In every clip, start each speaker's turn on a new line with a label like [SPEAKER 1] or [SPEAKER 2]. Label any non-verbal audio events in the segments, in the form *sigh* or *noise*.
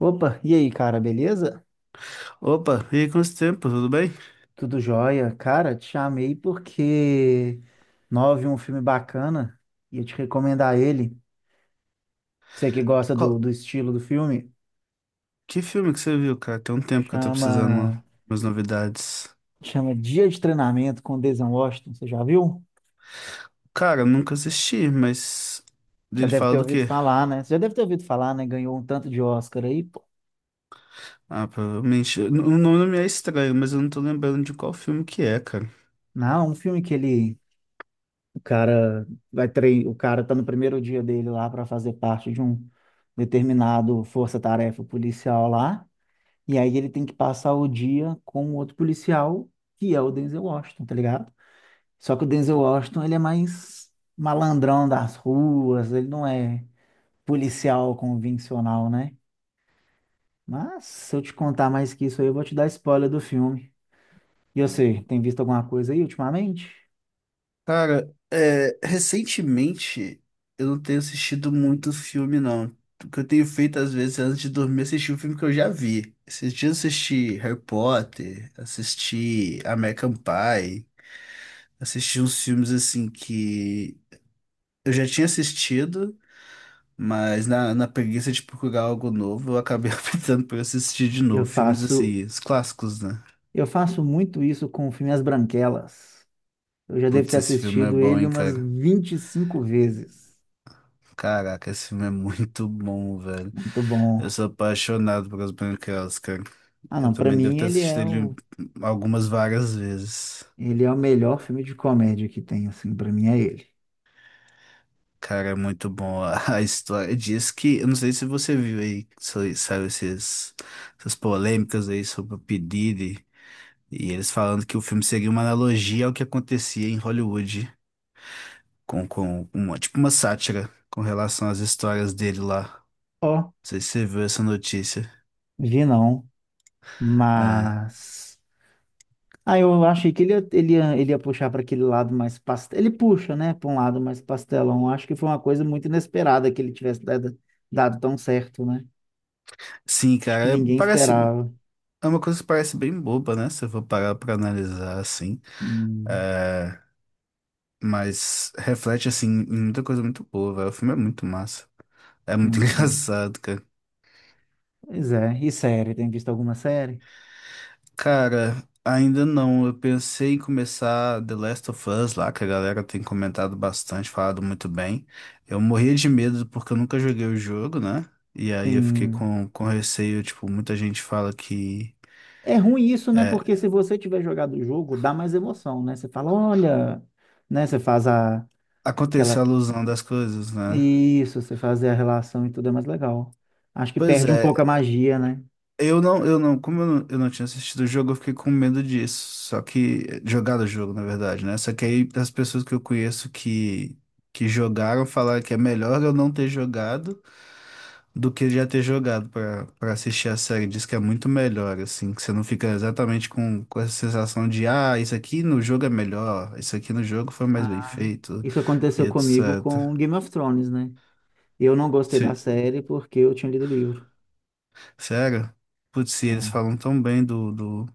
[SPEAKER 1] Opa, e aí, cara, beleza?
[SPEAKER 2] Opa, e aí, quanto tempo, tudo bem?
[SPEAKER 1] Tudo jóia? Cara, te chamei porque nós vi um filme bacana e eu te recomendar ele. Você que gosta do,
[SPEAKER 2] Qual-
[SPEAKER 1] do estilo do filme,
[SPEAKER 2] Que filme que você viu, cara? Tem um tempo que eu tô
[SPEAKER 1] chama
[SPEAKER 2] precisando de umas novidades.
[SPEAKER 1] chama Dia de Treinamento com Denzel Washington. Você já viu?
[SPEAKER 2] Cara, eu nunca assisti, mas
[SPEAKER 1] Já
[SPEAKER 2] ele
[SPEAKER 1] deve ter
[SPEAKER 2] fala do
[SPEAKER 1] ouvido
[SPEAKER 2] quê?
[SPEAKER 1] falar, né? Você já deve ter ouvido falar, né? Ganhou um tanto de Oscar aí, pô.
[SPEAKER 2] Ah, provavelmente. O nome me é estranho, mas eu não tô lembrando de qual filme que é, cara.
[SPEAKER 1] Não, um filme que ele o cara vai treinar, o cara tá no primeiro dia dele lá para fazer parte de um determinado força-tarefa policial lá. E aí ele tem que passar o dia com o outro policial, que é o Denzel Washington, tá ligado? Só que o Denzel Washington, ele é mais malandrão das ruas, ele não é policial convencional, né? Mas se eu te contar mais que isso aí, eu vou te dar spoiler do filme. E você, tem visto alguma coisa aí ultimamente?
[SPEAKER 2] Cara, é, recentemente eu não tenho assistido muito filme, não. O que eu tenho feito às vezes é, antes de dormir assistir um filme que eu já vi. Esses dias eu assisti Harry Potter, assisti American Pie. Assisti uns filmes assim que eu já tinha assistido, mas na preguiça de procurar algo novo, eu acabei *laughs* optando por assistir de
[SPEAKER 1] Eu
[SPEAKER 2] novo. Filmes
[SPEAKER 1] faço,
[SPEAKER 2] assim, os clássicos, né?
[SPEAKER 1] eu faço muito isso com o filme As Branquelas. Eu já devo
[SPEAKER 2] Putz,
[SPEAKER 1] ter
[SPEAKER 2] esse filme é
[SPEAKER 1] assistido
[SPEAKER 2] bom,
[SPEAKER 1] ele
[SPEAKER 2] hein,
[SPEAKER 1] umas
[SPEAKER 2] cara?
[SPEAKER 1] 25 vezes.
[SPEAKER 2] Caraca, esse filme é muito bom, velho.
[SPEAKER 1] Muito
[SPEAKER 2] Eu
[SPEAKER 1] bom.
[SPEAKER 2] sou apaixonado pelas Branquelas, cara.
[SPEAKER 1] Ah,
[SPEAKER 2] Eu
[SPEAKER 1] não, pra
[SPEAKER 2] também devo
[SPEAKER 1] mim
[SPEAKER 2] ter
[SPEAKER 1] ele
[SPEAKER 2] assistido
[SPEAKER 1] é
[SPEAKER 2] ele
[SPEAKER 1] o
[SPEAKER 2] algumas várias vezes.
[SPEAKER 1] Ele é o melhor filme de comédia que tem, assim, pra mim é ele.
[SPEAKER 2] Cara, é muito bom. *laughs* A história diz que. Eu não sei se você viu aí, saiu esses, essas polêmicas aí sobre o P. Diddy. E eles falando que o filme seria uma analogia ao que acontecia em Hollywood, com uma, tipo uma sátira com relação às histórias dele lá. Não
[SPEAKER 1] Ó,
[SPEAKER 2] sei se você viu essa notícia.
[SPEAKER 1] vi não,
[SPEAKER 2] É.
[SPEAKER 1] mas. Ah, eu achei que ele ia puxar para aquele lado mais pastel. Ele puxa, né, para um lado mais pastelão. Eu acho que foi uma coisa muito inesperada que ele tivesse dado tão certo, né?
[SPEAKER 2] Sim,
[SPEAKER 1] Acho que
[SPEAKER 2] cara,
[SPEAKER 1] ninguém
[SPEAKER 2] parece,
[SPEAKER 1] esperava.
[SPEAKER 2] é uma coisa que parece bem boba, né? Se eu for parar pra analisar assim.
[SPEAKER 1] Sim,
[SPEAKER 2] É, mas reflete, assim, em muita coisa muito boa, velho. O filme é muito massa. É
[SPEAKER 1] é
[SPEAKER 2] muito *laughs*
[SPEAKER 1] muito bom.
[SPEAKER 2] engraçado, cara.
[SPEAKER 1] Pois é, e série? Tem visto alguma série?
[SPEAKER 2] Cara, ainda não. Eu pensei em começar The Last of Us lá, que a galera tem comentado bastante, falado muito bem. Eu morria de medo porque eu nunca joguei o jogo, né? E aí eu fiquei
[SPEAKER 1] Sim.
[SPEAKER 2] com receio, tipo, muita gente fala que
[SPEAKER 1] É ruim isso, né? Porque
[SPEAKER 2] é,
[SPEAKER 1] se você tiver jogado o jogo, dá mais emoção, né? Você fala, olha, né? Você faz a,
[SPEAKER 2] aconteceu
[SPEAKER 1] aquela
[SPEAKER 2] a alusão das coisas, né?
[SPEAKER 1] Isso, você fazer a relação e tudo é mais legal. Acho que
[SPEAKER 2] Pois
[SPEAKER 1] perde um pouco a
[SPEAKER 2] é,
[SPEAKER 1] magia, né?
[SPEAKER 2] eu não, como eu não tinha assistido o jogo, eu fiquei com medo disso. Só que, jogar o jogo, na verdade, né? Só que aí as pessoas que eu conheço que jogaram falaram que é melhor eu não ter jogado do que já ter jogado pra para assistir a série. Diz que é muito melhor, assim, que você não fica exatamente com essa sensação de, ah, isso aqui no jogo é melhor, isso aqui no jogo foi mais bem
[SPEAKER 1] Ah,
[SPEAKER 2] feito,
[SPEAKER 1] isso
[SPEAKER 2] e
[SPEAKER 1] aconteceu comigo
[SPEAKER 2] etc.
[SPEAKER 1] com Game of Thrones, né? Eu não gostei da
[SPEAKER 2] Se-
[SPEAKER 1] série porque eu tinha lido o livro.
[SPEAKER 2] sério? Putz, se eles falam tão bem do, do,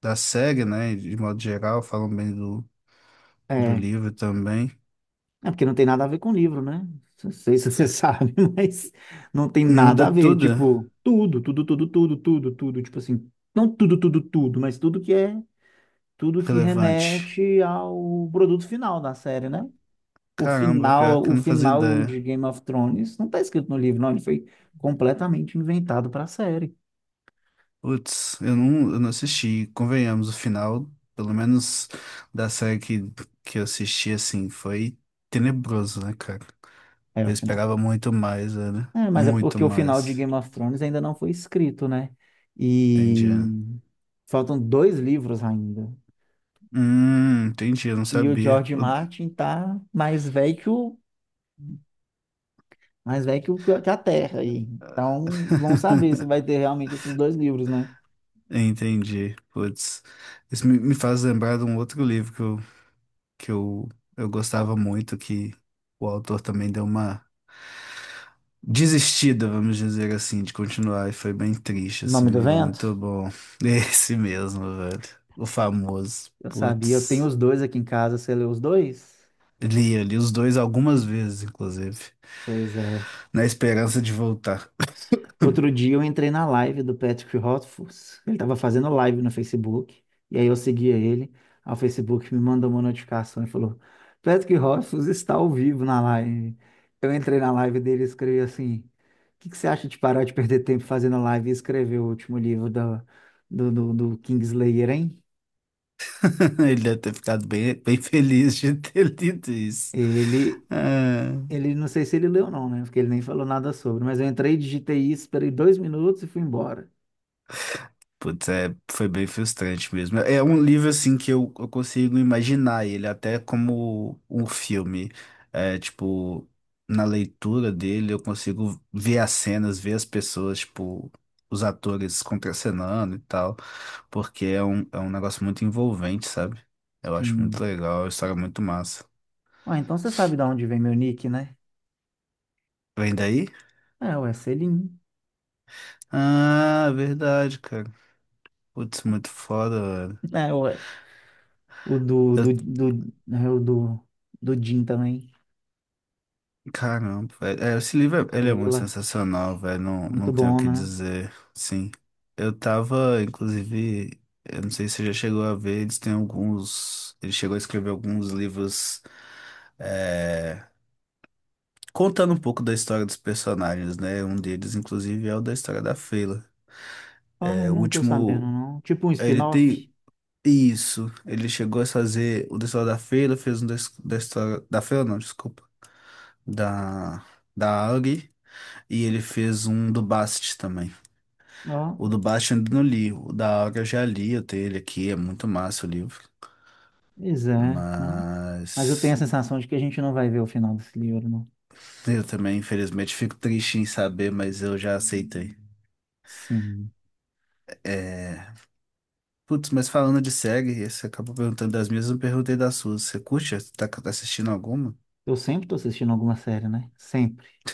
[SPEAKER 2] da série, né, de modo geral, falam bem do, do
[SPEAKER 1] É,
[SPEAKER 2] livro também.
[SPEAKER 1] é porque não tem nada a ver com o livro, né? Não sei se você *laughs* sabe, mas não tem nada
[SPEAKER 2] Muda
[SPEAKER 1] a ver.
[SPEAKER 2] tudo
[SPEAKER 1] Tipo, tudo, tudo, tudo, tudo, tudo, tudo. Tipo assim, não tudo, tudo, tudo, mas tudo que
[SPEAKER 2] relevante.
[SPEAKER 1] remete ao produto final da série, né?
[SPEAKER 2] Caramba, pior que
[SPEAKER 1] O
[SPEAKER 2] eu não fazia
[SPEAKER 1] final
[SPEAKER 2] ideia.
[SPEAKER 1] de Game of Thrones não está escrito no livro, não. Ele foi completamente inventado para a série.
[SPEAKER 2] Putz, eu não assisti. Convenhamos, o final, pelo menos da série que eu assisti, assim, foi tenebroso, né, cara?
[SPEAKER 1] Era
[SPEAKER 2] Eu
[SPEAKER 1] o final.
[SPEAKER 2] esperava muito mais, né?
[SPEAKER 1] É, mas é
[SPEAKER 2] Muito
[SPEAKER 1] porque o final de
[SPEAKER 2] mais.
[SPEAKER 1] Game of Thrones ainda não foi escrito, né?
[SPEAKER 2] Entendi.
[SPEAKER 1] E
[SPEAKER 2] É.
[SPEAKER 1] faltam 2 livros ainda.
[SPEAKER 2] Entendi, eu não
[SPEAKER 1] E o
[SPEAKER 2] sabia.
[SPEAKER 1] George Martin tá mais velho que, que a Terra aí. Então, vamos saber se
[SPEAKER 2] *laughs*
[SPEAKER 1] vai ter realmente esses 2 livros, né?
[SPEAKER 2] Entendi. Putz, isso me, me faz lembrar de um outro livro que eu gostava muito, que o autor também deu uma desistida, vamos dizer assim, de continuar. E foi bem triste, assim,
[SPEAKER 1] Nome
[SPEAKER 2] um
[SPEAKER 1] do
[SPEAKER 2] livro
[SPEAKER 1] Vento?
[SPEAKER 2] muito bom. *laughs* Esse mesmo, velho. O famoso.
[SPEAKER 1] Eu sabia, eu tenho
[SPEAKER 2] Putz.
[SPEAKER 1] os 2 aqui em casa. Você leu os 2?
[SPEAKER 2] Li, eu li os dois algumas vezes, inclusive,
[SPEAKER 1] Pois é.
[SPEAKER 2] na esperança de voltar. *laughs*
[SPEAKER 1] Outro dia eu entrei na live do Patrick Rothfuss. Ele estava fazendo live no Facebook. E aí eu seguia ele. Aí o Facebook me mandou uma notificação e falou: Patrick Rothfuss está ao vivo na live. Eu entrei na live dele e escrevi assim: O que que você acha de parar de perder tempo fazendo live e escrever o último livro do Kingslayer, hein?
[SPEAKER 2] Ele deve ter ficado bem, bem feliz de ter *laughs* lido isso.
[SPEAKER 1] Ele,
[SPEAKER 2] Ah.
[SPEAKER 1] ele, não sei se ele leu ou não, né? Porque ele nem falou nada sobre. Mas eu entrei, digitei isso, esperei 2 minutos e fui embora.
[SPEAKER 2] Putz, é, foi bem frustrante mesmo. É um livro assim que eu consigo imaginar ele até como um filme. É, tipo, na leitura dele eu consigo ver as cenas, ver as pessoas, tipo, os atores contracenando e tal, porque é um negócio muito envolvente, sabe? Eu acho muito
[SPEAKER 1] Sim.
[SPEAKER 2] legal, é uma história é muito massa.
[SPEAKER 1] Ah, então você sabe de onde vem meu nick, né?
[SPEAKER 2] Vem daí?
[SPEAKER 1] Ah, ué, Selim.
[SPEAKER 2] Ah, verdade, cara. Putz, muito foda, velho.
[SPEAKER 1] Ah, ué. O do,
[SPEAKER 2] Eu
[SPEAKER 1] do, do, é o do, do Jim também.
[SPEAKER 2] Caramba, velho. É, esse livro, ele é muito
[SPEAKER 1] Fela.
[SPEAKER 2] sensacional, velho. Não,
[SPEAKER 1] Muito
[SPEAKER 2] não tenho o
[SPEAKER 1] bom,
[SPEAKER 2] que
[SPEAKER 1] né?
[SPEAKER 2] dizer. Sim. Eu tava, inclusive, eu não sei se você já chegou a ver, eles têm alguns. Ele chegou a escrever alguns livros é, contando um pouco da história dos personagens, né? Um deles, inclusive, é o da história da Fela.
[SPEAKER 1] Ó, não,
[SPEAKER 2] É, o
[SPEAKER 1] não tô sabendo,
[SPEAKER 2] último.
[SPEAKER 1] não. Tipo um
[SPEAKER 2] Ele
[SPEAKER 1] spin-off.
[SPEAKER 2] tem. Isso. Ele chegou a fazer o da história da Fela, fez um da, da história. Da Fela, não, desculpa. Da. Da Auri. E ele fez um do Bast também.
[SPEAKER 1] Ó,
[SPEAKER 2] O do Bast eu ainda não li. O da Aura eu já li, eu tenho ele aqui, é muito massa o livro.
[SPEAKER 1] pois é, né? Mas eu tenho a
[SPEAKER 2] Mas
[SPEAKER 1] sensação de que a gente não vai ver o final desse livro, não.
[SPEAKER 2] eu também, infelizmente, fico triste em saber, mas eu já aceitei.
[SPEAKER 1] Sim.
[SPEAKER 2] É... Putz, mas falando de série, você acabou perguntando das minhas, eu não perguntei das suas. Você curte? Tá assistindo alguma?
[SPEAKER 1] Eu sempre tô assistindo alguma série, né? Sempre. *laughs*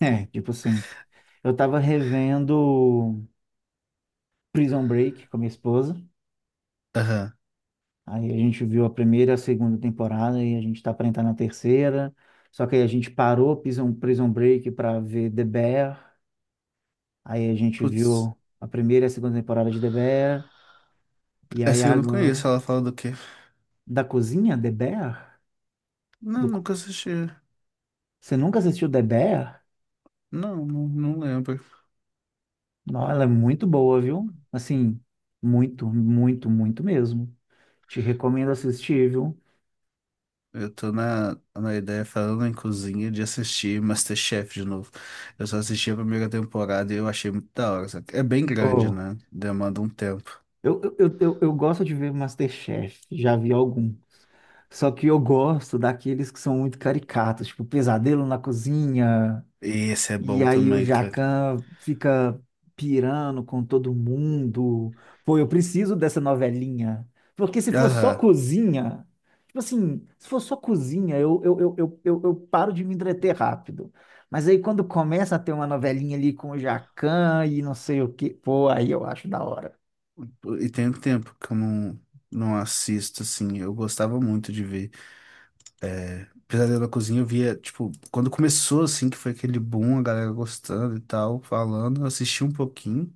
[SPEAKER 1] É, tipo sempre. Eu tava revendo Prison Break com minha esposa.
[SPEAKER 2] Aham.
[SPEAKER 1] Aí a gente viu a primeira e a segunda temporada e a gente está para entrar na terceira. Só que aí a gente parou Prison Break para ver The Bear. Aí a gente
[SPEAKER 2] Putz,
[SPEAKER 1] viu a primeira e a segunda temporada de The Bear. E aí
[SPEAKER 2] essa eu não
[SPEAKER 1] agora,
[SPEAKER 2] conheço, ela fala do quê?
[SPEAKER 1] da cozinha, The Bear?
[SPEAKER 2] Não,
[SPEAKER 1] Do co-
[SPEAKER 2] nunca assisti.
[SPEAKER 1] Você nunca assistiu The Bear?
[SPEAKER 2] Não, não, não lembro.
[SPEAKER 1] Não, ela é muito boa, viu? Assim, muito, muito, muito mesmo. Te recomendo assistir, viu?
[SPEAKER 2] Eu tô na ideia, falando em cozinha, de assistir MasterChef de novo. Eu só assisti a primeira temporada e eu achei muito da hora, sabe? É bem grande,
[SPEAKER 1] Ô,
[SPEAKER 2] né? Demanda um tempo.
[SPEAKER 1] eu gosto de ver MasterChef, já vi alguns. Só que eu gosto daqueles que são muito caricatos, tipo Pesadelo na Cozinha,
[SPEAKER 2] E esse é
[SPEAKER 1] e
[SPEAKER 2] bom
[SPEAKER 1] aí o
[SPEAKER 2] também, cara.
[SPEAKER 1] Jacan fica pirando com todo mundo. Pô, eu preciso dessa novelinha. Porque se for só
[SPEAKER 2] Aham.
[SPEAKER 1] cozinha, tipo assim, se for só cozinha, eu paro de me entreter rápido. Mas aí quando começa a ter uma novelinha ali com o Jacan e não sei o quê, pô, aí eu acho da hora.
[SPEAKER 2] E tem um tempo que eu não, não assisto, assim. Eu gostava muito de ver. É, Pesadelo na Cozinha, eu via, tipo, quando começou, assim, que foi aquele boom, a galera gostando e tal, falando, eu assisti um pouquinho.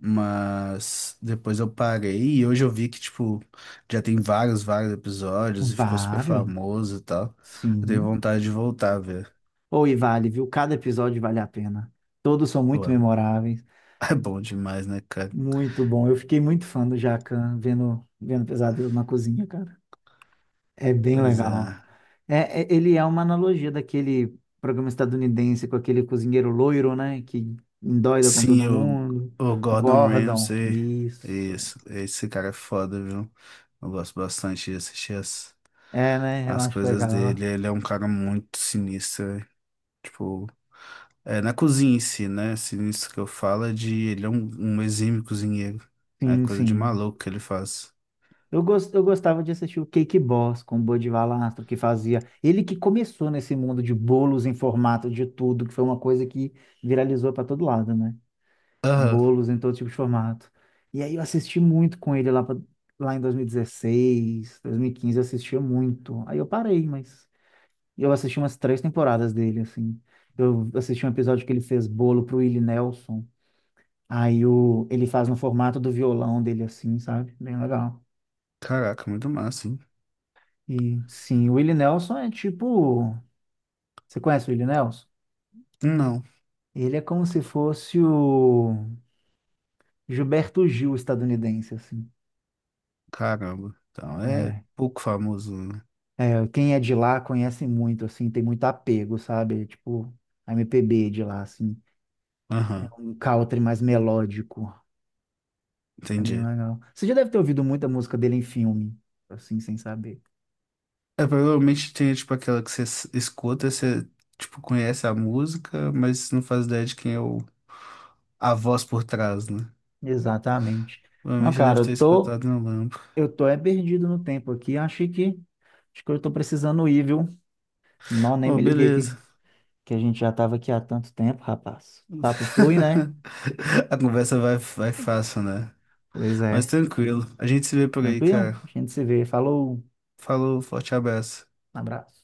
[SPEAKER 2] Mas depois eu parei e hoje eu vi que, tipo, já tem vários, vários episódios e ficou super
[SPEAKER 1] Vários.
[SPEAKER 2] famoso e tal. Eu tenho
[SPEAKER 1] Sim.
[SPEAKER 2] vontade de voltar a ver.
[SPEAKER 1] Ou e vale, viu? Cada episódio vale a pena. Todos são
[SPEAKER 2] Pô,
[SPEAKER 1] muito
[SPEAKER 2] é
[SPEAKER 1] memoráveis.
[SPEAKER 2] *laughs* é bom demais, né, cara?
[SPEAKER 1] Muito bom. Eu fiquei muito fã do Jacan vendo Pesadelo na Cozinha, cara. É bem
[SPEAKER 2] Pois
[SPEAKER 1] legal.
[SPEAKER 2] é.
[SPEAKER 1] É, ele é uma analogia daquele programa estadunidense com aquele cozinheiro loiro, né? Que endoida com todo
[SPEAKER 2] Sim,
[SPEAKER 1] mundo.
[SPEAKER 2] o Gordon
[SPEAKER 1] Gordon.
[SPEAKER 2] Ramsay,
[SPEAKER 1] Isso.
[SPEAKER 2] isso, esse cara é foda, viu? Eu gosto bastante de assistir as,
[SPEAKER 1] É, né? Eu
[SPEAKER 2] as
[SPEAKER 1] acho
[SPEAKER 2] coisas
[SPEAKER 1] legal.
[SPEAKER 2] dele. Ele é um cara muito sinistro, né? Tipo, é, na cozinha em si, né? Sinistro que eu falo é de ele é um, um exímio cozinheiro. É
[SPEAKER 1] Sim,
[SPEAKER 2] coisa de
[SPEAKER 1] sim.
[SPEAKER 2] maluco que ele faz.
[SPEAKER 1] Eu gostava de assistir o Cake Boss com o Bud Valastro, que fazia. Ele que começou nesse mundo de bolos em formato de tudo, que foi uma coisa que viralizou para todo lado, né?
[SPEAKER 2] Aham.
[SPEAKER 1] Bolos em todo tipo de formato. E aí eu assisti muito com lá em 2016, 2015, eu assistia muito. Aí eu parei, mas eu assisti umas três temporadas dele, assim. Eu assisti um episódio que ele fez bolo pro Willie Nelson. Aí o... ele faz no formato do violão dele, assim, sabe? Bem legal.
[SPEAKER 2] Caraca, muito massa, hein?
[SPEAKER 1] E sim, o Willie Nelson é tipo. Você conhece o Willie Nelson?
[SPEAKER 2] Não.
[SPEAKER 1] Ele é como se fosse o Gilberto Gil estadunidense, assim.
[SPEAKER 2] Caramba. Então, é
[SPEAKER 1] É.
[SPEAKER 2] pouco famoso, né?
[SPEAKER 1] É, quem é de lá conhece muito, assim, tem muito apego, sabe? É tipo, a MPB de lá, assim. É
[SPEAKER 2] Aham,
[SPEAKER 1] um country mais melódico. É bem
[SPEAKER 2] entendi.
[SPEAKER 1] legal. Você já deve ter ouvido muita música dele em filme, assim, sem saber.
[SPEAKER 2] É, provavelmente tem, tipo, aquela que você escuta, você, tipo, conhece a música, mas não faz ideia de quem é o, a voz por trás, né?
[SPEAKER 1] Exatamente. Ó,
[SPEAKER 2] Provavelmente eu
[SPEAKER 1] cara,
[SPEAKER 2] devo ter escutado, não lembro.
[SPEAKER 1] eu tô é perdido no tempo aqui. Achei que, acho que eu tô precisando ir, viu? Não, nem
[SPEAKER 2] Oh,
[SPEAKER 1] me liguei
[SPEAKER 2] beleza.
[SPEAKER 1] que a gente já estava aqui há tanto tempo, rapaz. Papo flui, né?
[SPEAKER 2] *laughs* A conversa vai, vai fácil, né?
[SPEAKER 1] Pois
[SPEAKER 2] Mas
[SPEAKER 1] é.
[SPEAKER 2] tranquilo. A gente se vê por aí,
[SPEAKER 1] Tranquilo?
[SPEAKER 2] cara.
[SPEAKER 1] A gente se vê. Falou.
[SPEAKER 2] Falou, forte abraço.
[SPEAKER 1] Um abraço.